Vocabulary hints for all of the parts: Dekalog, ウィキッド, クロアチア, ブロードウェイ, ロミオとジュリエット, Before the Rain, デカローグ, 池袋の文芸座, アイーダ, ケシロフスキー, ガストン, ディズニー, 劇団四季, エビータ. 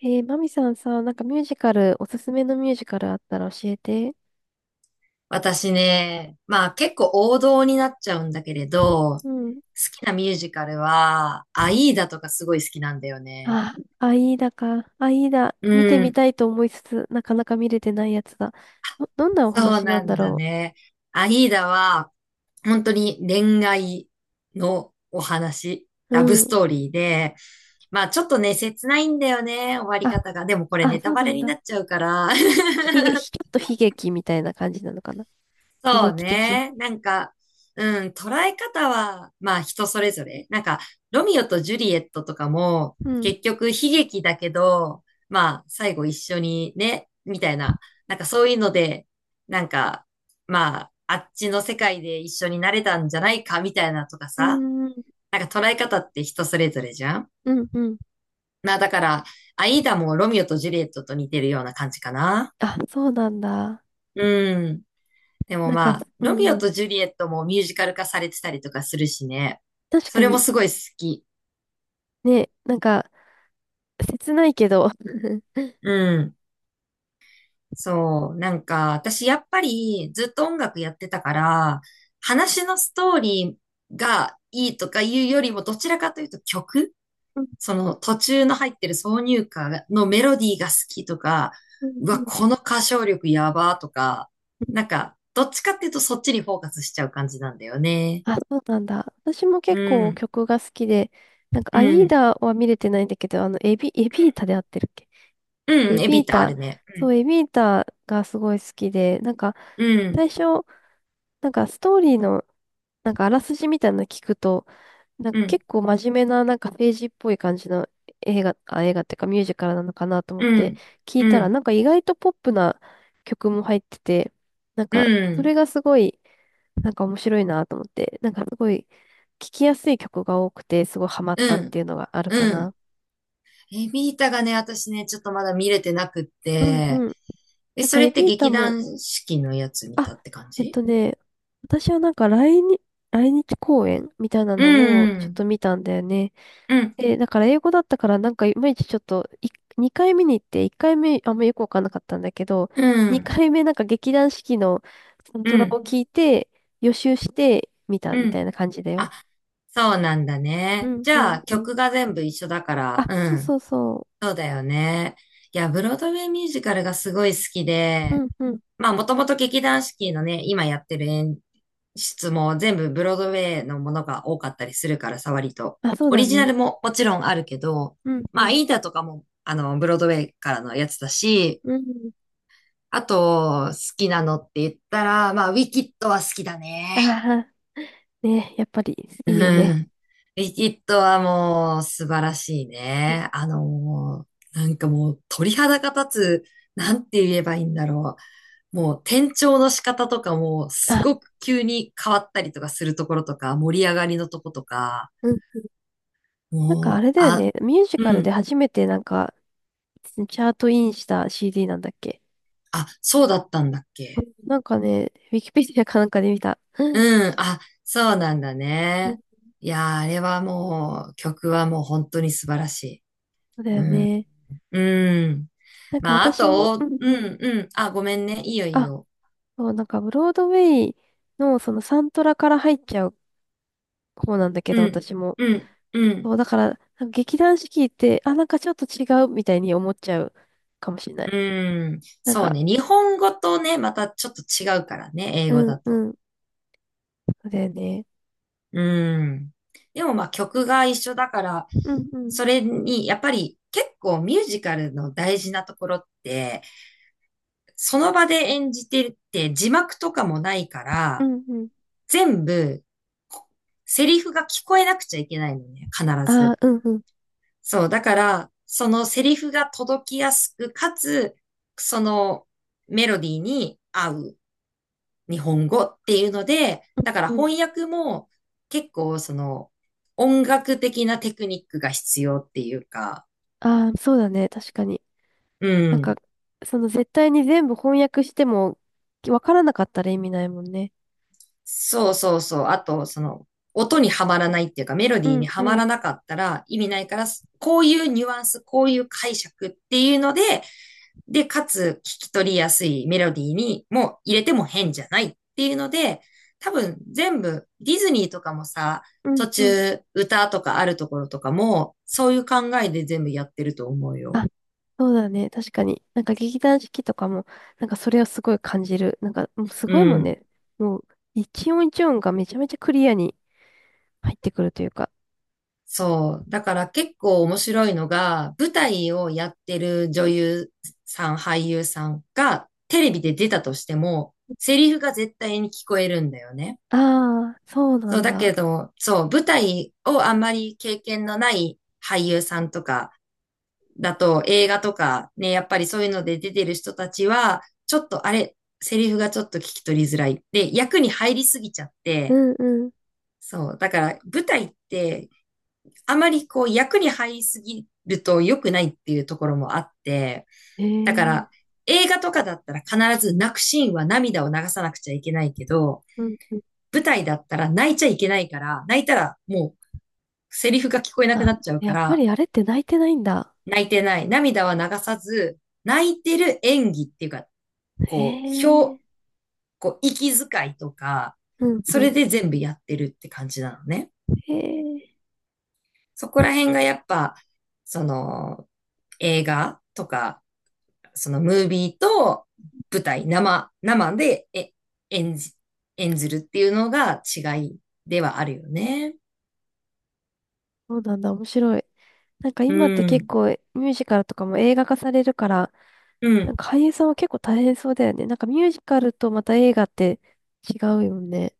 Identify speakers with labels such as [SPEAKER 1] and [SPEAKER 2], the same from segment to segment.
[SPEAKER 1] マミさんさ、なんかミュージカル、おすすめのミュージカルあったら教えて。
[SPEAKER 2] 私ね、まあ結構王道になっちゃうんだけれど、好
[SPEAKER 1] うん。
[SPEAKER 2] きなミュージカルは、アイーダとかすごい好きなんだよね。
[SPEAKER 1] あ、アイーダか。アイーダ、
[SPEAKER 2] う
[SPEAKER 1] 見てみ
[SPEAKER 2] ん。
[SPEAKER 1] たいと思いつつ、なかなか見れてないやつだ。どんなお
[SPEAKER 2] そう
[SPEAKER 1] 話な
[SPEAKER 2] な
[SPEAKER 1] んだ
[SPEAKER 2] んだ
[SPEAKER 1] ろ
[SPEAKER 2] ね。アイーダは、本当に恋愛のお話、
[SPEAKER 1] う。う
[SPEAKER 2] ラブス
[SPEAKER 1] ん。
[SPEAKER 2] トーリーで、まあちょっとね、切ないんだよね、終わり
[SPEAKER 1] あ、
[SPEAKER 2] 方が。でもこれネ
[SPEAKER 1] そ
[SPEAKER 2] タ
[SPEAKER 1] う
[SPEAKER 2] バ
[SPEAKER 1] な
[SPEAKER 2] レ
[SPEAKER 1] ん
[SPEAKER 2] にな
[SPEAKER 1] だ。
[SPEAKER 2] っちゃうから。
[SPEAKER 1] ひげ、ひちょっと悲劇みたいな感じなのかな。悲
[SPEAKER 2] そう
[SPEAKER 1] 劇的。
[SPEAKER 2] ね。捉え方は、まあ人それぞれ。ロミオとジュリエットとかも、
[SPEAKER 1] うん。
[SPEAKER 2] 結局悲劇だけど、まあ最後一緒にね、みたいな。なんかそういうので、なんか、まあ、あっちの世界で一緒になれたんじゃないか、みたいなとか
[SPEAKER 1] う
[SPEAKER 2] さ。
[SPEAKER 1] ん、うん、
[SPEAKER 2] なんか捉え方って人それぞれじゃん。
[SPEAKER 1] うん、うん。
[SPEAKER 2] まあだから、アイーダもロミオとジュリエットと似てるような感じかな。
[SPEAKER 1] あ、そうなんだ。
[SPEAKER 2] うん。でも
[SPEAKER 1] なんか、
[SPEAKER 2] まあ、
[SPEAKER 1] う
[SPEAKER 2] ロミ
[SPEAKER 1] ん、
[SPEAKER 2] オ
[SPEAKER 1] うん。
[SPEAKER 2] とジュリエットもミュージカル化されてたりとかするしね。
[SPEAKER 1] 確
[SPEAKER 2] そ
[SPEAKER 1] か
[SPEAKER 2] れも
[SPEAKER 1] に、
[SPEAKER 2] すごい好き。
[SPEAKER 1] ね、なんか、切ないけど。
[SPEAKER 2] うん。そう。なんか、私やっぱりずっと音楽やってたから、話のストーリーがいいとかいうよりも、どちらかというと曲、
[SPEAKER 1] うん、
[SPEAKER 2] その途中の入ってる挿入歌のメロディーが好きとか、
[SPEAKER 1] うん、
[SPEAKER 2] う
[SPEAKER 1] う
[SPEAKER 2] わ、
[SPEAKER 1] ん。
[SPEAKER 2] この歌唱力やばとか、なんか、どっちかっていうとそっちにフォーカスしちゃう感じなんだよね。
[SPEAKER 1] あ、そうなんだ。私も
[SPEAKER 2] う
[SPEAKER 1] 結構
[SPEAKER 2] ん。
[SPEAKER 1] 曲が好きで、なんか、
[SPEAKER 2] う
[SPEAKER 1] アイー
[SPEAKER 2] ん。
[SPEAKER 1] ダは見れてないんだけど、あの、エビータで合ってるっけ。
[SPEAKER 2] う
[SPEAKER 1] エ
[SPEAKER 2] ん、エ
[SPEAKER 1] ビ
[SPEAKER 2] ビ
[SPEAKER 1] ー
[SPEAKER 2] ターあ
[SPEAKER 1] タ、
[SPEAKER 2] るね。う
[SPEAKER 1] そ
[SPEAKER 2] ん、
[SPEAKER 1] う、エビータがすごい好きで、なんか、
[SPEAKER 2] うん、
[SPEAKER 1] 最初、なんかストーリーの、なんかあらすじみたいなの聞くと、なん
[SPEAKER 2] う
[SPEAKER 1] か
[SPEAKER 2] ん、
[SPEAKER 1] 結構真面目な、なんか政治っぽい感じの映画、あ、映画っていうかミュージカルなのかなと思っ
[SPEAKER 2] う
[SPEAKER 1] て
[SPEAKER 2] ん、
[SPEAKER 1] 聞い
[SPEAKER 2] う
[SPEAKER 1] たら、
[SPEAKER 2] ん、
[SPEAKER 1] なんか意外とポップな曲も入ってて、なんかそれ
[SPEAKER 2] う
[SPEAKER 1] がすごいなんか面白いなと思って、なんかすごい聞きやすい曲が多くて、すごいハマったっ
[SPEAKER 2] ん、
[SPEAKER 1] ていうのがあるか
[SPEAKER 2] うん。
[SPEAKER 1] な。
[SPEAKER 2] エビータがね、私ね、ちょっとまだ見れてなくっ
[SPEAKER 1] うん
[SPEAKER 2] て、
[SPEAKER 1] うん。
[SPEAKER 2] え、
[SPEAKER 1] なんか
[SPEAKER 2] それ
[SPEAKER 1] エ
[SPEAKER 2] って
[SPEAKER 1] ビータ
[SPEAKER 2] 劇
[SPEAKER 1] も、
[SPEAKER 2] 団四季のやつ見
[SPEAKER 1] あ、
[SPEAKER 2] たって感
[SPEAKER 1] えっ
[SPEAKER 2] じ？
[SPEAKER 1] とね、私はなんか来日公演みたいな
[SPEAKER 2] う
[SPEAKER 1] のをちょっと
[SPEAKER 2] ん、
[SPEAKER 1] 見たんだよね。
[SPEAKER 2] うん、
[SPEAKER 1] で、だから英語だったからなんかいまいちちょっとい、2回目に行って、1回目あんまよくわかんなかったんだけど、
[SPEAKER 2] うん、
[SPEAKER 1] 2回目なんか劇団四季のサント
[SPEAKER 2] う
[SPEAKER 1] ラを
[SPEAKER 2] ん、
[SPEAKER 1] 聞いて、予習して見た
[SPEAKER 2] う
[SPEAKER 1] みた
[SPEAKER 2] ん。
[SPEAKER 1] いな感じだよ。
[SPEAKER 2] あ、そうなんだ
[SPEAKER 1] う
[SPEAKER 2] ね。
[SPEAKER 1] ん
[SPEAKER 2] じ
[SPEAKER 1] う
[SPEAKER 2] ゃ
[SPEAKER 1] ん
[SPEAKER 2] あ、
[SPEAKER 1] うん。
[SPEAKER 2] 曲が全部一緒だか
[SPEAKER 1] あ、
[SPEAKER 2] ら、う
[SPEAKER 1] そう
[SPEAKER 2] ん、
[SPEAKER 1] そうそう。
[SPEAKER 2] そうだよね。いや、ブロードウェイミュージカルがすごい好き
[SPEAKER 1] う
[SPEAKER 2] で、
[SPEAKER 1] んうん。
[SPEAKER 2] まあ、もともと劇団四季のね、今やってる演出も全部ブロードウェイのものが多かったりするからさ、割と。
[SPEAKER 1] あ、そう
[SPEAKER 2] オ
[SPEAKER 1] だ
[SPEAKER 2] リジナ
[SPEAKER 1] ね。
[SPEAKER 2] ルももちろんあるけど、
[SPEAKER 1] うんう
[SPEAKER 2] まあ、
[SPEAKER 1] ん。
[SPEAKER 2] イータとかも、ブロードウェイからのやつだし、
[SPEAKER 1] うん。
[SPEAKER 2] あと、好きなのって言ったら、まあ、ウィキッドは好きだね。
[SPEAKER 1] ああ、ね、やっぱりい
[SPEAKER 2] う
[SPEAKER 1] いよね。
[SPEAKER 2] ん。ウィキッドはもう素晴らしい
[SPEAKER 1] うん
[SPEAKER 2] ね。
[SPEAKER 1] うん。
[SPEAKER 2] なんかもう鳥肌が立つ、なんて言えばいいんだろう。もう転調の仕方とかもすご
[SPEAKER 1] あ、
[SPEAKER 2] く急に変わったりとかするところとか、盛り上がりのとことか、
[SPEAKER 1] うん。なんか
[SPEAKER 2] も
[SPEAKER 1] あ
[SPEAKER 2] う、
[SPEAKER 1] れだよ
[SPEAKER 2] あ、
[SPEAKER 1] ね。ミュージ
[SPEAKER 2] う
[SPEAKER 1] カルで
[SPEAKER 2] ん、
[SPEAKER 1] 初めてなんか、チャートインした CD なんだっけ。
[SPEAKER 2] あ、そうだったんだっ
[SPEAKER 1] う
[SPEAKER 2] け。
[SPEAKER 1] ん、なんかね、ウィキペディアかなんかで見た。うん、
[SPEAKER 2] うん、あ、そうなんだ
[SPEAKER 1] うん。
[SPEAKER 2] ね。いやー、あれはもう、曲はもう本当に素晴らし
[SPEAKER 1] そう
[SPEAKER 2] い。
[SPEAKER 1] だ
[SPEAKER 2] う
[SPEAKER 1] よ
[SPEAKER 2] ん、
[SPEAKER 1] ね。
[SPEAKER 2] うん。
[SPEAKER 1] なんか私も、うんうん。
[SPEAKER 2] あ、ごめんね。いいよ、いい
[SPEAKER 1] あ、
[SPEAKER 2] よ。
[SPEAKER 1] そう、なんかブロードウェイのそのサントラから入っちゃう方なんだけど、
[SPEAKER 2] うん、
[SPEAKER 1] 私も。
[SPEAKER 2] うん、う
[SPEAKER 1] そ
[SPEAKER 2] ん、
[SPEAKER 1] う、だから、なんか劇団四季って、あ、なんかちょっと違うみたいに思っちゃうかもしれない。
[SPEAKER 2] うん。
[SPEAKER 1] なん
[SPEAKER 2] そう
[SPEAKER 1] か、
[SPEAKER 2] ね。日本語とね、またちょっと違うからね、英語
[SPEAKER 1] うん
[SPEAKER 2] だ
[SPEAKER 1] う
[SPEAKER 2] と。
[SPEAKER 1] ん。そうだよね。
[SPEAKER 2] うん。でもまあ曲が一緒だから、
[SPEAKER 1] うんうん。
[SPEAKER 2] それにやっぱり結構ミュージカルの大事なところって、その場で演じてって字幕とかもないか
[SPEAKER 1] う
[SPEAKER 2] ら、
[SPEAKER 1] んうん。
[SPEAKER 2] 全部こセリフが聞こえなくちゃいけないのね、必
[SPEAKER 1] ああ、
[SPEAKER 2] ず。
[SPEAKER 1] うんうん。
[SPEAKER 2] そう、だから、そのセリフが届きやすく、かつ、そのメロディーに合う日本語っていうので、だから
[SPEAKER 1] うん。
[SPEAKER 2] 翻訳も結構その音楽的なテクニックが必要っていうか、
[SPEAKER 1] ああ、そうだね。確かに。
[SPEAKER 2] う
[SPEAKER 1] なんか、
[SPEAKER 2] ん。
[SPEAKER 1] その絶対に全部翻訳しても、わからなかったら意味ないもんね。
[SPEAKER 2] そうそうそう。あと、その音にはまらないっていうか、メロデ
[SPEAKER 1] う
[SPEAKER 2] ィー
[SPEAKER 1] ん
[SPEAKER 2] には
[SPEAKER 1] う
[SPEAKER 2] まら
[SPEAKER 1] ん、
[SPEAKER 2] なかったら意味ないから、こういうニュアンス、こういう解釈っていうので、で、かつ聞き取りやすいメロディーにも入れても変じゃないっていうので、多分全部ディズニーとかもさ、
[SPEAKER 1] うん
[SPEAKER 2] 途
[SPEAKER 1] うん。
[SPEAKER 2] 中歌とかあるところとかも、そういう考えで全部やってると思うよ。
[SPEAKER 1] あ、そうだね。確かに。なんか劇団四季とかも、なんかそれをすごい感じる。なんかもうす
[SPEAKER 2] う
[SPEAKER 1] ごいもん
[SPEAKER 2] ん。
[SPEAKER 1] ね。もう一音一音がめちゃめちゃクリアに入ってくるというか。
[SPEAKER 2] そう。だから結構面白いのが、舞台をやってる女優さん、俳優さんがテレビで出たとしても、セリフが絶対に聞こえるんだよね。
[SPEAKER 1] ああ、そうな
[SPEAKER 2] そう、
[SPEAKER 1] ん
[SPEAKER 2] だけ
[SPEAKER 1] だ。
[SPEAKER 2] ど、そう、舞台をあんまり経験のない俳優さんとかだと、映画とかね、やっぱりそういうので出てる人たちは、ちょっとあれ、セリフがちょっと聞き取りづらい。で、役に入りすぎちゃっ
[SPEAKER 1] う
[SPEAKER 2] て、
[SPEAKER 1] んうん。
[SPEAKER 2] そう、だから舞台って、あまりこう役に入りすぎると良くないっていうところもあって、
[SPEAKER 1] へ
[SPEAKER 2] だか
[SPEAKER 1] え。
[SPEAKER 2] ら映画とかだったら必ず泣くシーンは涙を流さなくちゃいけないけど、
[SPEAKER 1] うんうん。
[SPEAKER 2] 舞台だったら泣いちゃいけないから、泣いたらもうセリフが聞こえなく
[SPEAKER 1] あ、
[SPEAKER 2] なっちゃうか
[SPEAKER 1] やっぱ
[SPEAKER 2] ら、
[SPEAKER 1] りあれって泣いてないんだ。
[SPEAKER 2] 泣いてない。涙は流さず、泣いてる演技っていうか、
[SPEAKER 1] へ
[SPEAKER 2] こう、表、
[SPEAKER 1] え。
[SPEAKER 2] こう、息遣いとか、
[SPEAKER 1] うん
[SPEAKER 2] そ
[SPEAKER 1] う
[SPEAKER 2] れ
[SPEAKER 1] ん。
[SPEAKER 2] で全部やってるって感じなのね。
[SPEAKER 1] へえ。
[SPEAKER 2] そこら辺がやっぱ、その、映画とか、そのムービーと舞台、生、生でえ演じ、演ずるっていうのが違いではあるよね。
[SPEAKER 1] そうなんだ。面白い。なんか
[SPEAKER 2] う
[SPEAKER 1] 今って結
[SPEAKER 2] ん。
[SPEAKER 1] 構ミュージカルとかも映画化されるから、
[SPEAKER 2] う
[SPEAKER 1] なん
[SPEAKER 2] ん。
[SPEAKER 1] か俳優さんは結構大変そうだよね。なんかミュージカルとまた映画って違うよね。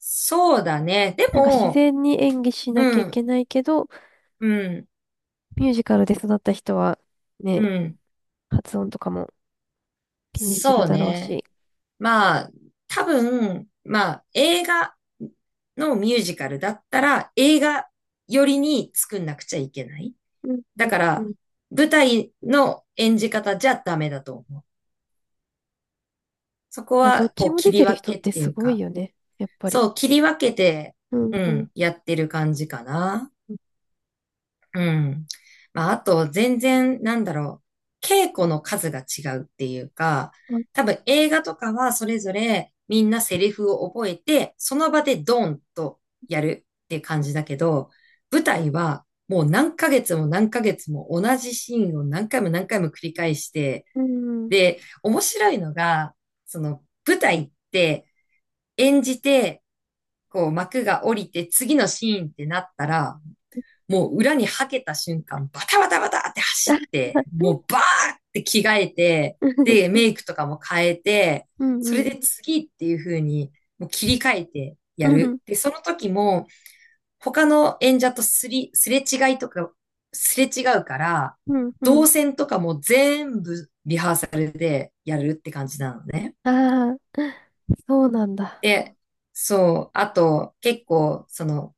[SPEAKER 2] そうだね。で
[SPEAKER 1] なんか自
[SPEAKER 2] も、
[SPEAKER 1] 然に演技しなきゃ
[SPEAKER 2] う
[SPEAKER 1] いけ
[SPEAKER 2] ん、
[SPEAKER 1] ないけど、
[SPEAKER 2] うん。
[SPEAKER 1] ミュージカルで育った人は
[SPEAKER 2] う
[SPEAKER 1] ね、
[SPEAKER 2] ん。
[SPEAKER 1] 発音とかも気にする
[SPEAKER 2] そう
[SPEAKER 1] だろう
[SPEAKER 2] ね。
[SPEAKER 1] し。
[SPEAKER 2] まあ、多分、映画のミュージカルだったら、映画よりに作んなくちゃいけない。
[SPEAKER 1] うんう
[SPEAKER 2] だ
[SPEAKER 1] ん
[SPEAKER 2] か
[SPEAKER 1] う
[SPEAKER 2] ら、
[SPEAKER 1] ん。
[SPEAKER 2] 舞台の演じ方じゃダメだと思う。そこ
[SPEAKER 1] あ、ど
[SPEAKER 2] は、
[SPEAKER 1] っち
[SPEAKER 2] こう、
[SPEAKER 1] も
[SPEAKER 2] 切
[SPEAKER 1] 出
[SPEAKER 2] り
[SPEAKER 1] てる
[SPEAKER 2] 分
[SPEAKER 1] 人っ
[SPEAKER 2] けっ
[SPEAKER 1] て
[SPEAKER 2] てい
[SPEAKER 1] す
[SPEAKER 2] う
[SPEAKER 1] ごい
[SPEAKER 2] か、
[SPEAKER 1] よね。やっぱり。
[SPEAKER 2] そう、切り分けて、
[SPEAKER 1] うん
[SPEAKER 2] う
[SPEAKER 1] うん
[SPEAKER 2] ん、やってる感じかな。
[SPEAKER 1] うん。
[SPEAKER 2] うん。まあ、あと、全然、なんだろう、稽古の数が違うっていうか、
[SPEAKER 1] あ、
[SPEAKER 2] 多分映画とかはそれぞれみんなセリフを覚えて、その場でドンとやるっていう感じだけど、舞台はもう何ヶ月も何ヶ月も同じシーンを何回も何回も繰り返して、
[SPEAKER 1] うん。
[SPEAKER 2] で、面白いのが、その舞台って演じて、こう幕が降りて次のシーンってなったら、もう裏にはけた瞬間、バタバタバタって走って、も うバーって着替えて、
[SPEAKER 1] うん
[SPEAKER 2] で、メイクとかも変えて、
[SPEAKER 1] う
[SPEAKER 2] それ
[SPEAKER 1] ん。
[SPEAKER 2] で次っていう風に、もう切り替えて
[SPEAKER 1] う
[SPEAKER 2] や
[SPEAKER 1] んうん。
[SPEAKER 2] る。で、その時も、他の演者とすり、すれ違いとか、すれ違うから、
[SPEAKER 1] うんう
[SPEAKER 2] 動
[SPEAKER 1] ん。
[SPEAKER 2] 線とかも全部リハーサルでやるって感じなのね。
[SPEAKER 1] ああ、そうなんだ。
[SPEAKER 2] で、そう、あと、結構、その、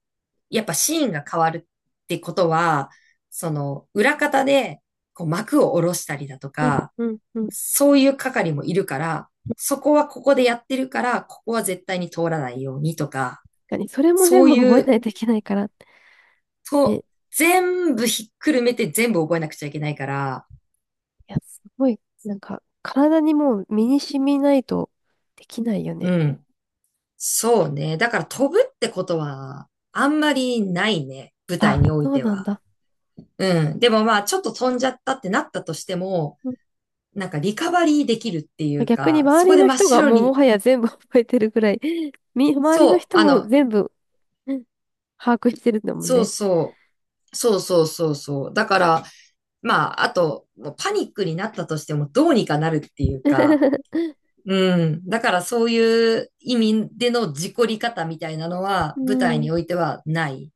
[SPEAKER 2] やっぱシーンが変わるってことは、その、裏方で、こう、幕を下ろしたりだと
[SPEAKER 1] うん
[SPEAKER 2] か、
[SPEAKER 1] うんうん。確
[SPEAKER 2] そういう係もいるから、そこはここでやってるから、ここは絶対に通らないようにとか、
[SPEAKER 1] かに、それも
[SPEAKER 2] そ
[SPEAKER 1] 全
[SPEAKER 2] う
[SPEAKER 1] 部覚
[SPEAKER 2] い
[SPEAKER 1] えな
[SPEAKER 2] う、
[SPEAKER 1] いといけないから。ね、
[SPEAKER 2] と、
[SPEAKER 1] い
[SPEAKER 2] 全部ひっくるめて全部覚えなくちゃいけないから、
[SPEAKER 1] や、すごい、なんか、体にもう身に染みないとできないよ
[SPEAKER 2] う
[SPEAKER 1] ね。
[SPEAKER 2] ん。そうね。だから飛ぶってことは、あんまりないね。舞台
[SPEAKER 1] あ、
[SPEAKER 2] におい
[SPEAKER 1] そう
[SPEAKER 2] て
[SPEAKER 1] なん
[SPEAKER 2] は。
[SPEAKER 1] だ。
[SPEAKER 2] うん。でもまあ、ちょっと飛んじゃったってなったとしても、
[SPEAKER 1] うん。
[SPEAKER 2] なんかリカバリーできるっていう
[SPEAKER 1] 逆に
[SPEAKER 2] か、そ
[SPEAKER 1] 周
[SPEAKER 2] こ
[SPEAKER 1] り
[SPEAKER 2] で
[SPEAKER 1] の
[SPEAKER 2] 真っ
[SPEAKER 1] 人が
[SPEAKER 2] 白
[SPEAKER 1] もうも
[SPEAKER 2] に、
[SPEAKER 1] はや全部 覚えてるぐらい、周りの
[SPEAKER 2] そう、
[SPEAKER 1] 人
[SPEAKER 2] あ
[SPEAKER 1] も
[SPEAKER 2] の、
[SPEAKER 1] 全部うん把握してるんだもん
[SPEAKER 2] そう
[SPEAKER 1] ね。
[SPEAKER 2] そそうそう。だから、まあ、あと、もうパニックになったとしてもどうにかなるっていうか、うん。だからそういう意味での事故り方みたいなのは、
[SPEAKER 1] う
[SPEAKER 2] 舞台
[SPEAKER 1] ん。
[SPEAKER 2] においてはない。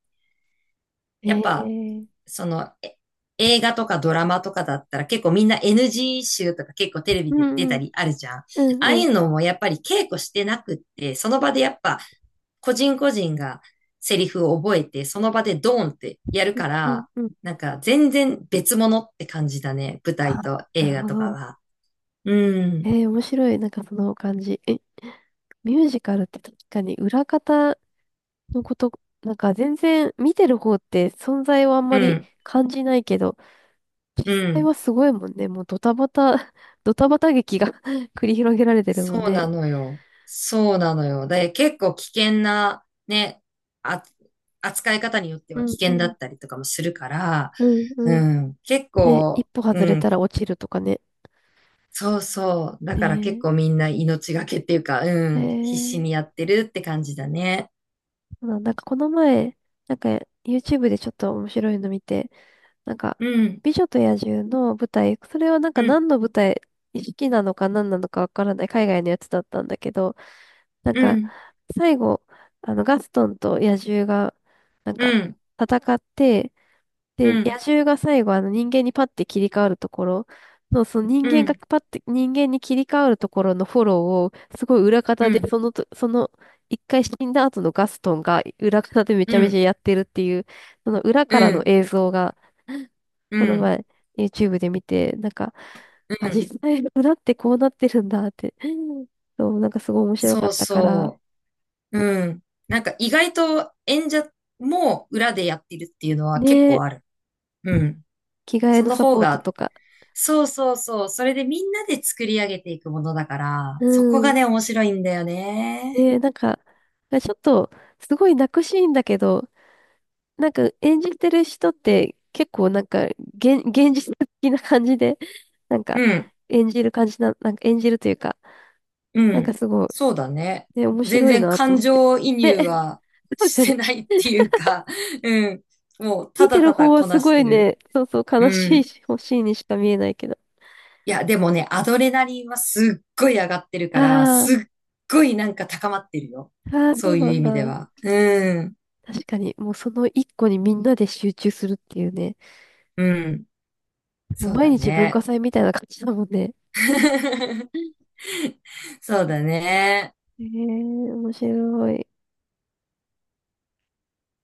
[SPEAKER 2] やっぱ、
[SPEAKER 1] ええ、
[SPEAKER 2] その、映画とかドラマとかだったら結構みんな NG 集とか結構テレビ
[SPEAKER 1] う
[SPEAKER 2] で出
[SPEAKER 1] ん
[SPEAKER 2] た
[SPEAKER 1] うん。
[SPEAKER 2] りあるじゃん。あ
[SPEAKER 1] うん
[SPEAKER 2] あ
[SPEAKER 1] う
[SPEAKER 2] い
[SPEAKER 1] ん。
[SPEAKER 2] うのもやっぱり稽古してなくって、その場でやっぱ個人個人がセリフを覚えて、その場でドーンってやるか
[SPEAKER 1] うん
[SPEAKER 2] ら、
[SPEAKER 1] うん。
[SPEAKER 2] なんか全然別物って感じだね。舞台
[SPEAKER 1] あ、
[SPEAKER 2] と
[SPEAKER 1] な
[SPEAKER 2] 映
[SPEAKER 1] る
[SPEAKER 2] 画
[SPEAKER 1] ほ
[SPEAKER 2] とか
[SPEAKER 1] ど。
[SPEAKER 2] は。うん、
[SPEAKER 1] 面白い。なんかその感じ。え、ミュージカルって確かに裏方のこと、なんか全然見てる方って存在をあんま
[SPEAKER 2] う
[SPEAKER 1] り
[SPEAKER 2] ん、
[SPEAKER 1] 感じないけど、
[SPEAKER 2] う
[SPEAKER 1] 実際
[SPEAKER 2] ん。
[SPEAKER 1] はすごいもんね。もうドタバタ、ドタバタ劇が 繰り広げられてるもん
[SPEAKER 2] そうな
[SPEAKER 1] ね。
[SPEAKER 2] のよ。そうなのよ。で、結構危険な、ね、あ、扱い方によって
[SPEAKER 1] う
[SPEAKER 2] は危
[SPEAKER 1] んう
[SPEAKER 2] 険だ
[SPEAKER 1] ん。
[SPEAKER 2] ったりとかもするから、
[SPEAKER 1] うん
[SPEAKER 2] う
[SPEAKER 1] うん。
[SPEAKER 2] ん、結
[SPEAKER 1] ね、一
[SPEAKER 2] 構、
[SPEAKER 1] 歩外
[SPEAKER 2] う
[SPEAKER 1] れ
[SPEAKER 2] ん、
[SPEAKER 1] たら落ちるとかね。
[SPEAKER 2] そうそう。だから結
[SPEAKER 1] ね
[SPEAKER 2] 構みんな命がけっていうか、う
[SPEAKER 1] え。
[SPEAKER 2] ん、必死にやってるって感じだね。
[SPEAKER 1] そうなんだ。なんかこの前、なんか YouTube でちょっと面白いの見て、なんか、
[SPEAKER 2] うん、
[SPEAKER 1] 美女と野獣の舞台、それはなんか
[SPEAKER 2] うん、
[SPEAKER 1] 何の舞台、意識なのか何なのかわからない海外のやつだったんだけど、なん
[SPEAKER 2] う
[SPEAKER 1] か、
[SPEAKER 2] ん、
[SPEAKER 1] 最後、あの、ガストンと野獣が、なん
[SPEAKER 2] う
[SPEAKER 1] か、
[SPEAKER 2] ん、
[SPEAKER 1] 戦って、で、
[SPEAKER 2] う
[SPEAKER 1] 野
[SPEAKER 2] ん、
[SPEAKER 1] 獣が最後、あの、人間にパッて切り替わるところの、その人
[SPEAKER 2] う
[SPEAKER 1] 間が
[SPEAKER 2] ん、
[SPEAKER 1] パッて、人間に切り替わるところのフォローを、すごい裏
[SPEAKER 2] う
[SPEAKER 1] 方で、
[SPEAKER 2] ん、
[SPEAKER 1] そのと、その、一回死んだ後のガストンが裏方でめちゃ
[SPEAKER 2] う
[SPEAKER 1] めちゃ
[SPEAKER 2] ん、
[SPEAKER 1] やってるっていう、その裏か
[SPEAKER 2] う
[SPEAKER 1] らの
[SPEAKER 2] ん、
[SPEAKER 1] 映像が、
[SPEAKER 2] う
[SPEAKER 1] この
[SPEAKER 2] ん、
[SPEAKER 1] 前 YouTube で見て、なんか、
[SPEAKER 2] う
[SPEAKER 1] あ、
[SPEAKER 2] ん、
[SPEAKER 1] 実際裏ってこうなってるんだって、そう、なんかすごい面白か
[SPEAKER 2] そ
[SPEAKER 1] っ
[SPEAKER 2] う
[SPEAKER 1] たから、
[SPEAKER 2] そう。うん。なんか意外と演者も裏でやってるっていうのは結
[SPEAKER 1] ね
[SPEAKER 2] 構
[SPEAKER 1] え、
[SPEAKER 2] ある。うん。
[SPEAKER 1] 着替え
[SPEAKER 2] そ
[SPEAKER 1] の
[SPEAKER 2] の
[SPEAKER 1] サ
[SPEAKER 2] 方
[SPEAKER 1] ポート
[SPEAKER 2] が、
[SPEAKER 1] とか、
[SPEAKER 2] そうそうそう。それでみんなで作り上げていくものだから、
[SPEAKER 1] う
[SPEAKER 2] そこが
[SPEAKER 1] ん、
[SPEAKER 2] ね、面白いんだよ
[SPEAKER 1] ね
[SPEAKER 2] ね。
[SPEAKER 1] え、なんか、ちょっと、すごい泣くシーンだけど、なんか演じてる人って結構なんか、現実的な感じで、なん
[SPEAKER 2] う
[SPEAKER 1] か、
[SPEAKER 2] ん。
[SPEAKER 1] 演じる感じな、なんか演じるというか、
[SPEAKER 2] う
[SPEAKER 1] なんか
[SPEAKER 2] ん。
[SPEAKER 1] すごい、
[SPEAKER 2] そうだね。
[SPEAKER 1] ね、面
[SPEAKER 2] 全
[SPEAKER 1] 白い
[SPEAKER 2] 然
[SPEAKER 1] なと
[SPEAKER 2] 感
[SPEAKER 1] 思って。
[SPEAKER 2] 情移
[SPEAKER 1] で、
[SPEAKER 2] 入は
[SPEAKER 1] そうだ
[SPEAKER 2] し
[SPEAKER 1] よ
[SPEAKER 2] て
[SPEAKER 1] ね。
[SPEAKER 2] ないっていうか、うん。もうた
[SPEAKER 1] 見て
[SPEAKER 2] だ
[SPEAKER 1] る
[SPEAKER 2] た
[SPEAKER 1] 方
[SPEAKER 2] だ
[SPEAKER 1] は
[SPEAKER 2] こ
[SPEAKER 1] す
[SPEAKER 2] なし
[SPEAKER 1] ごい
[SPEAKER 2] てる。
[SPEAKER 1] ね、そうそう、悲
[SPEAKER 2] う
[SPEAKER 1] しい
[SPEAKER 2] ん。
[SPEAKER 1] し、欲しいにしか見えないけど。
[SPEAKER 2] いや、でもね、アドレナリンはすっごい上がってるから、
[SPEAKER 1] あ
[SPEAKER 2] すっごいなんか高まってるよ。
[SPEAKER 1] あ、ああ、
[SPEAKER 2] そ
[SPEAKER 1] そう
[SPEAKER 2] うい
[SPEAKER 1] な
[SPEAKER 2] う意
[SPEAKER 1] ん
[SPEAKER 2] 味で
[SPEAKER 1] だ。
[SPEAKER 2] は。うん。
[SPEAKER 1] 確かに、もうその一個にみんなで集中するっていうね。
[SPEAKER 2] うん。
[SPEAKER 1] もう
[SPEAKER 2] そう
[SPEAKER 1] 毎
[SPEAKER 2] だ
[SPEAKER 1] 日文化
[SPEAKER 2] ね。
[SPEAKER 1] 祭みたいな感じだもんね。
[SPEAKER 2] そうだね。
[SPEAKER 1] へえ、面白い。